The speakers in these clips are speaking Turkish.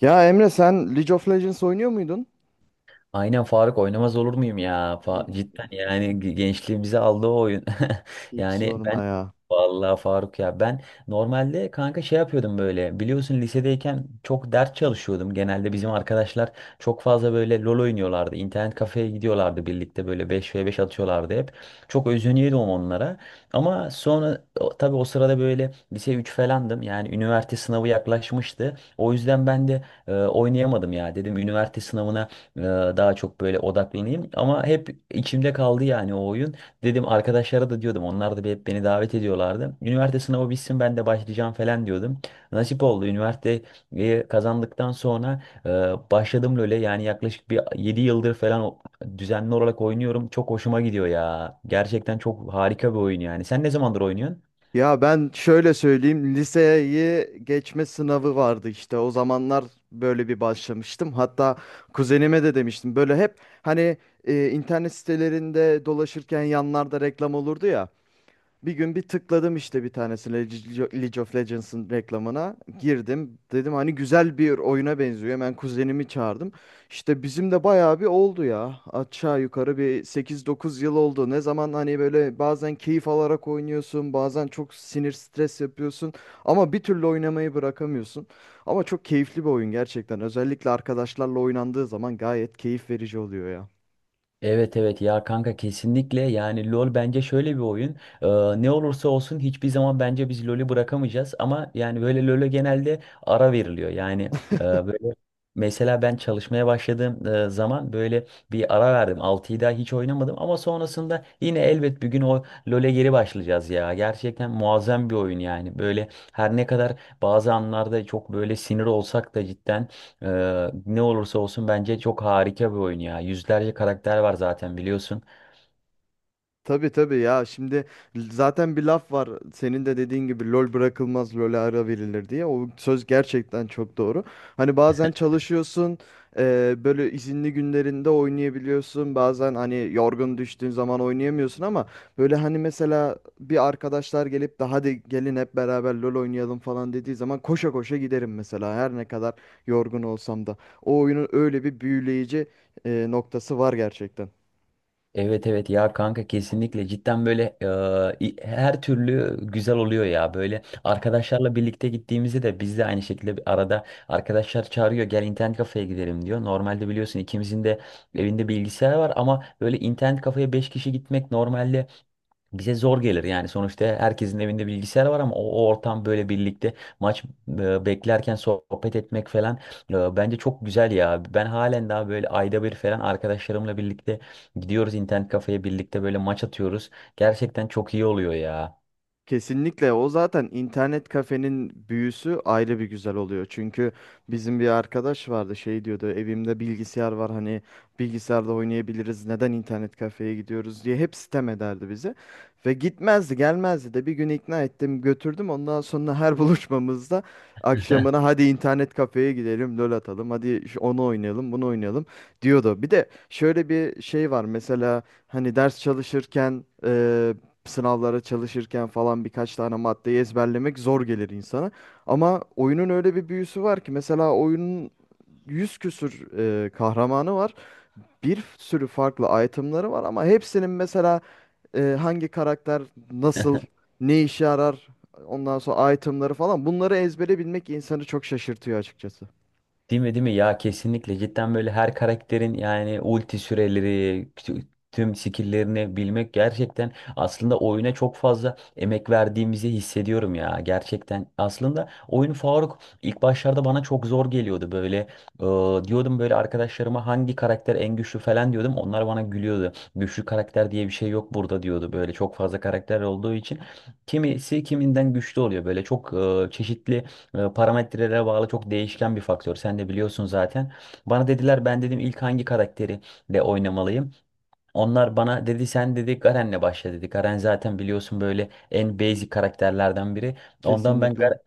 Ya Emre, sen League of Legends oynuyor muydun? Aynen Faruk oynamaz olur muyum ya? Cidden yani gençliğimizi aldı o oyun. Hiç Yani ben sorma ya. vallahi Faruk ya ben normalde kanka şey yapıyordum böyle biliyorsun lisedeyken çok ders çalışıyordum. Genelde bizim arkadaşlar çok fazla böyle LoL oynuyorlardı. İnternet kafeye gidiyorlardı birlikte böyle beş ve beş atıyorlardı hep. Çok özeniyordum onlara. Ama sonra tabii o sırada böyle lise 3 falandım. Yani üniversite sınavı yaklaşmıştı. O yüzden ben de oynayamadım ya. Dedim üniversite sınavına ee, Daha çok böyle odaklanayım. Ama hep içimde kaldı yani o oyun. Dedim arkadaşlara da diyordum. Onlar da hep beni davet ediyorlardı. Üniversite sınavı bitsin ben de başlayacağım falan diyordum. Nasip oldu. Üniversiteyi kazandıktan sonra başladım LoL'e. Yani yaklaşık bir 7 yıldır falan düzenli olarak oynuyorum. Çok hoşuma gidiyor ya. Gerçekten çok harika bir oyun yani. Sen ne zamandır oynuyorsun? Ya ben şöyle söyleyeyim, liseyi geçme sınavı vardı işte o zamanlar, böyle bir başlamıştım. Hatta kuzenime de demiştim böyle hep hani internet sitelerinde dolaşırken yanlarda reklam olurdu ya. Bir gün bir tıkladım işte bir tanesine, League of Legends'ın reklamına girdim. Dedim hani güzel bir oyuna benziyor. Hemen kuzenimi çağırdım. İşte bizim de bayağı bir oldu ya. Aşağı yukarı bir sekiz dokuz yıl oldu. Ne zaman hani böyle bazen keyif alarak oynuyorsun, bazen çok sinir stres yapıyorsun ama bir türlü oynamayı bırakamıyorsun. Ama çok keyifli bir oyun gerçekten. Özellikle arkadaşlarla oynandığı zaman gayet keyif verici oluyor ya. Evet evet ya kanka kesinlikle yani LoL bence şöyle bir oyun. Ee, Ne olursa olsun hiçbir zaman bence biz LoL'ü bırakamayacağız ama yani böyle LoL'e genelde ara veriliyor yani böyle mesela ben çalışmaya başladığım zaman böyle bir ara verdim, 6'yı daha hiç oynamadım ama sonrasında yine elbet bir gün o LoL'e geri başlayacağız ya, gerçekten muazzam bir oyun yani böyle. Her ne kadar bazı anlarda çok böyle sinir olsak da cidden ne olursa olsun bence çok harika bir oyun ya. Yüzlerce karakter var zaten biliyorsun. Tabii tabii ya, şimdi zaten bir laf var, senin de dediğin gibi, lol bırakılmaz, lole ara verilir diye. O söz gerçekten çok doğru. Hani bazen çalışıyorsun, böyle izinli günlerinde oynayabiliyorsun, bazen hani yorgun düştüğün zaman oynayamıyorsun ama böyle hani mesela bir arkadaşlar gelip de hadi gelin hep beraber lol oynayalım falan dediği zaman koşa koşa giderim mesela, her ne kadar yorgun olsam da. O oyunun öyle bir büyüleyici noktası var gerçekten. Evet evet ya kanka kesinlikle cidden böyle her türlü güzel oluyor ya. Böyle arkadaşlarla birlikte gittiğimizde de biz de aynı şekilde bir arada, arkadaşlar çağırıyor, gel internet kafeye gidelim diyor. Normalde biliyorsun ikimizin de evinde bilgisayar var ama böyle internet kafeye 5 kişi gitmek normalde bize zor gelir yani, sonuçta herkesin evinde bilgisayar var ama o ortam, böyle birlikte maç beklerken sohbet etmek falan bence çok güzel ya. Ben halen daha böyle ayda bir falan arkadaşlarımla birlikte gidiyoruz internet kafeye, birlikte böyle maç atıyoruz. Gerçekten çok iyi oluyor ya. Kesinlikle, o zaten internet kafenin büyüsü ayrı bir güzel oluyor. Çünkü bizim bir arkadaş vardı, şey diyordu, evimde bilgisayar var, hani bilgisayarda oynayabiliriz, neden internet kafeye gidiyoruz diye hep sitem ederdi bizi. Ve gitmezdi gelmezdi de, bir gün ikna ettim, götürdüm, ondan sonra her buluşmamızda akşamına hadi internet kafeye gidelim, lol atalım, hadi onu oynayalım, bunu oynayalım diyordu. Bir de şöyle bir şey var, mesela hani ders çalışırken, sınavlara çalışırken falan, birkaç tane maddeyi ezberlemek zor gelir insana. Ama oyunun öyle bir büyüsü var ki, mesela oyunun yüz küsür kahramanı var. Bir sürü farklı itemları var ama hepsinin mesela hangi karakter nasıl, ne işe yarar, ondan sonra itemları falan, bunları ezbere bilmek insanı çok şaşırtıyor açıkçası. Değil mi, değil mi? Ya kesinlikle, cidden böyle her karakterin yani ulti süreleri, tü- tüm skill'lerini bilmek, gerçekten aslında oyuna çok fazla emek verdiğimizi hissediyorum ya gerçekten. Aslında oyun Faruk ilk başlarda bana çok zor geliyordu böyle. Diyordum böyle arkadaşlarıma hangi karakter en güçlü falan diyordum. Onlar bana gülüyordu. Güçlü karakter diye bir şey yok burada diyordu, böyle çok fazla karakter olduğu için. Kimisi kiminden güçlü oluyor, böyle çok çeşitli parametrelere bağlı, çok değişken bir faktör. Sen de biliyorsun zaten. Bana dediler, ben dedim ilk hangi karakteri de oynamalıyım. Onlar bana dedi, sen dedi Garen'le başla dedi. Garen zaten biliyorsun böyle en basic karakterlerden biri. Ondan ben Kesinlikle.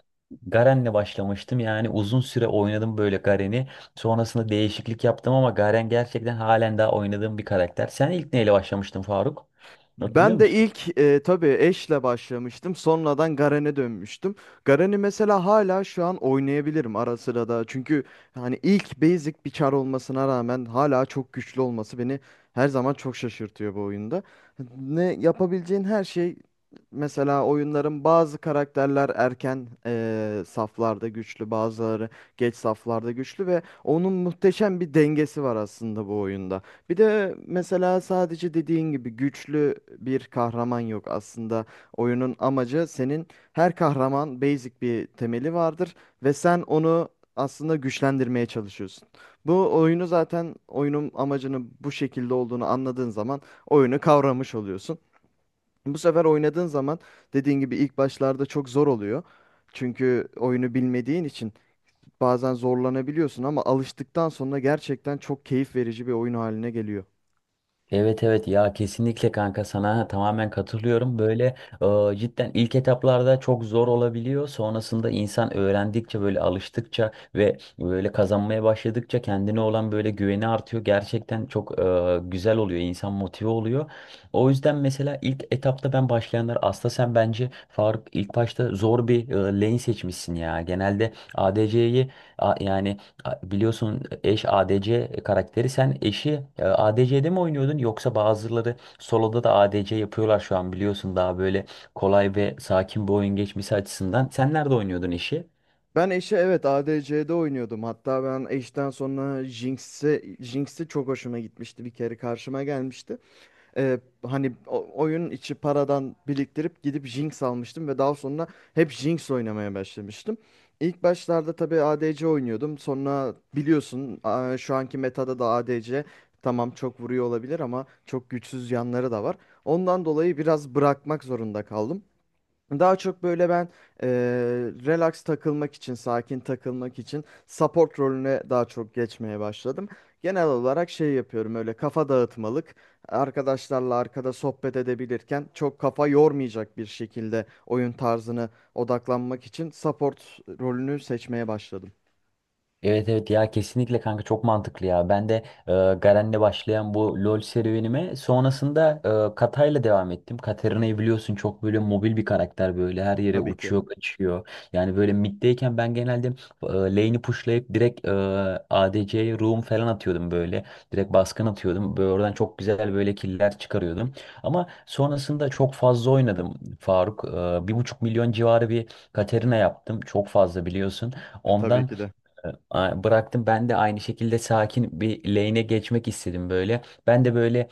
Garen'le başlamıştım. Yani uzun süre oynadım böyle Garen'i. Sonrasında değişiklik yaptım ama Garen gerçekten halen daha oynadığım bir karakter. Sen ilk neyle başlamıştın Faruk? Hatırlıyor Ben de musun? ilk tabii Ashe'le başlamıştım. Sonradan Garen'e dönmüştüm. Garen'i mesela hala şu an oynayabilirim ara sıra da. Çünkü hani ilk basic bir çar olmasına rağmen hala çok güçlü olması beni her zaman çok şaşırtıyor bu oyunda. Ne yapabileceğin her şey, mesela oyunların bazı karakterler erken saflarda güçlü, bazıları geç saflarda güçlü ve onun muhteşem bir dengesi var aslında bu oyunda. Bir de mesela sadece dediğin gibi güçlü bir kahraman yok. Aslında oyunun amacı senin, her kahraman basic bir temeli vardır ve sen onu aslında güçlendirmeye çalışıyorsun. Bu oyunu zaten, oyunun amacının bu şekilde olduğunu anladığın zaman oyunu kavramış oluyorsun. Bu sefer oynadığın zaman, dediğin gibi ilk başlarda çok zor oluyor. Çünkü oyunu bilmediğin için bazen zorlanabiliyorsun, ama alıştıktan sonra gerçekten çok keyif verici bir oyun haline geliyor. Evet evet ya kesinlikle kanka, sana tamamen katılıyorum. Böyle cidden ilk etaplarda çok zor olabiliyor. Sonrasında insan öğrendikçe, böyle alıştıkça ve böyle kazanmaya başladıkça kendine olan böyle güveni artıyor. Gerçekten çok güzel oluyor. İnsan motive oluyor. O yüzden mesela ilk etapta ben başlayanlar, aslında sen bence Faruk ilk başta zor bir lane seçmişsin ya. Genelde ADC'yi yani biliyorsun eş ADC karakteri. Sen eşi ADC'de mi oynuyordun, yoksa bazıları solo'da da ADC yapıyorlar şu an biliyorsun, daha böyle kolay ve sakin bir oyun geçmesi açısından. Sen nerede oynuyordun eşi? Ben eşe, evet, ADC'de oynuyordum. Hatta ben eşten sonra Jinx'i çok hoşuma gitmişti. Bir kere karşıma gelmişti. Ee, Hani oyun içi paradan biriktirip gidip Jinx almıştım ve daha sonra hep Jinx oynamaya başlamıştım. İlk başlarda tabii ADC oynuyordum. Sonra biliyorsun şu anki metada da ADC, tamam çok vuruyor olabilir ama çok güçsüz yanları da var. Ondan dolayı biraz bırakmak zorunda kaldım. Daha çok böyle ben eee, relax takılmak için, sakin takılmak için support rolüne daha çok geçmeye başladım. Genel olarak şey yapıyorum, öyle kafa dağıtmalık. Arkadaşlarla arkada sohbet edebilirken çok kafa yormayacak bir şekilde oyun tarzını odaklanmak için support rolünü seçmeye başladım. Evet evet ya kesinlikle kanka, çok mantıklı ya. Ben de e, Garen'le başlayan bu LoL serüvenime sonrasında Katay'la devam ettim. Katarina'yı biliyorsun, çok böyle mobil bir karakter, böyle her yere Tabii ki. uçuyor kaçıyor. Yani böyle mid'deyken ben genelde lane'i pushlayıp direkt ADC'ye roam falan atıyordum böyle. Direkt baskın atıyordum. Böyle oradan çok güzel böyle killer çıkarıyordum. Ama sonrasında çok fazla oynadım Faruk. 1,5 milyon civarı bir Katarina yaptım. Çok fazla biliyorsun. E, tabii Ondan ki de. Bıraktım, ben de aynı şekilde sakin bir lane'e geçmek istedim böyle. Ben de böyle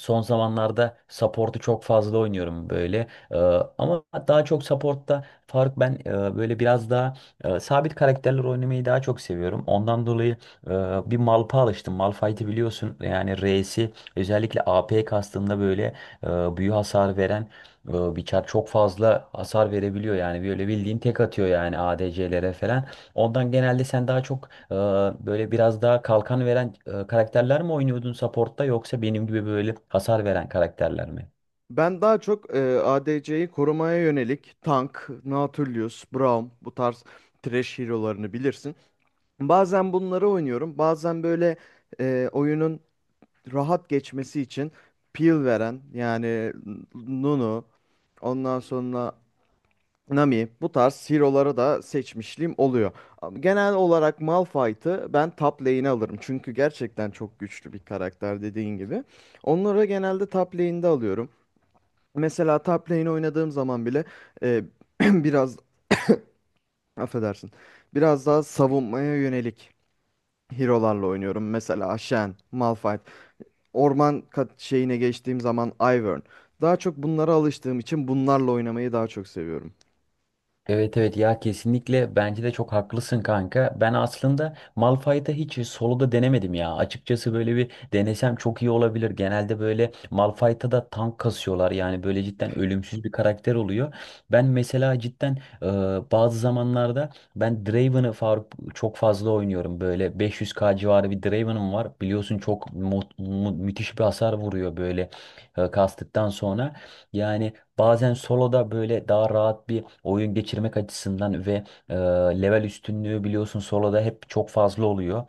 son zamanlarda support'u çok fazla oynuyorum böyle. Ama daha çok support'ta fark, ben böyle biraz daha sabit karakterler oynamayı daha çok seviyorum. Ondan dolayı e, bir Malph'a alıştım. Malphite'i biliyorsun yani reisi, özellikle AP kastığında böyle e, büyü hasar veren bir çar, çok fazla hasar verebiliyor yani, böyle bildiğin tek atıyor yani ADC'lere falan. Ondan genelde sen daha çok ee, böyle biraz daha kalkan veren karakterler mi oynuyordun support'ta, yoksa benim gibi böyle hasar veren karakterler mi? Ben daha çok ADC'yi korumaya yönelik tank, Nautilus, Braum, bu tarz trash hero'larını bilirsin. Bazen bunları oynuyorum. Bazen böyle oyunun rahat geçmesi için peel veren, yani Nunu, ondan sonra Nami, bu tarz hero'ları da seçmişliğim oluyor. Ama genel olarak Malphite'ı ben top lane'e alırım. Çünkü gerçekten çok güçlü bir karakter, dediğin gibi. Onları genelde top lane'de alıyorum. Mesela top lane oynadığım zaman bile e, biraz, affedersin, biraz daha savunmaya yönelik hero'larla oynuyorum. Mesela Shen, Malphite. Orman kat şeyine geçtiğim zaman Ivern. Daha çok bunlara alıştığım için bunlarla oynamayı daha çok seviyorum. Evet evet ya kesinlikle, bence de çok haklısın kanka. Ben aslında Malphite'ı hiç solo'da denemedim ya. Açıkçası böyle bir denesem çok iyi olabilir. Genelde böyle Malphite'a da tank kasıyorlar. Yani böyle cidden ölümsüz bir karakter oluyor. Ben mesela cidden bazı zamanlarda ben Draven'ı Faruk çok fazla oynuyorum. Böyle 500K civarı bir Draven'ım var. Biliyorsun çok müthiş bir hasar vuruyor böyle kastıktan sonra. Yani bazen soloda böyle daha rahat bir oyun geçirmek açısından ve e, level üstünlüğü biliyorsun soloda hep çok fazla oluyor.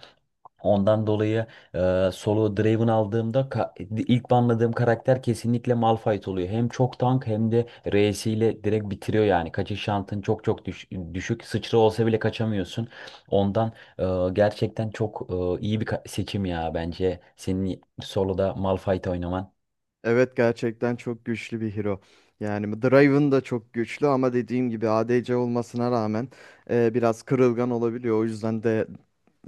Ondan dolayı solo Draven aldığımda ilk banladığım karakter kesinlikle Malphite oluyor. Hem çok tank hem de R'siyle direkt bitiriyor yani. Kaçış şantın çok çok düşük. Sıçra olsa bile kaçamıyorsun. Ondan e, gerçekten çok iyi bir seçim ya, bence senin soloda Malphite oynaman. Evet, gerçekten çok güçlü bir hero. Yani Draven da çok güçlü ama dediğim gibi ADC olmasına rağmen biraz kırılgan olabiliyor. O yüzden de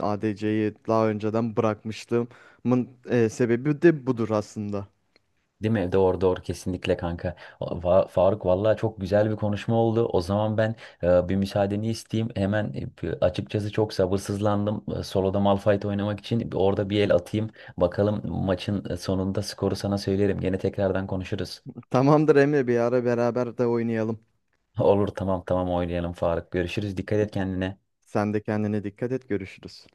ADC'yi daha önceden bırakmışlığımın sebebi de budur aslında. Değil mi? Doğru doğru, kesinlikle kanka. Faruk vallahi çok güzel bir konuşma oldu. O zaman ben bir müsaadeni isteyeyim. Hemen açıkçası çok sabırsızlandım. Solo'da Malphite oynamak için orada bir el atayım. Bakalım maçın sonunda skoru sana söylerim. Gene tekrardan konuşuruz. Tamamdır Emre, bir ara beraber de oynayalım. Olur tamam tamam, oynayalım Faruk. Görüşürüz. Dikkat et kendine. Sen de kendine dikkat et, görüşürüz.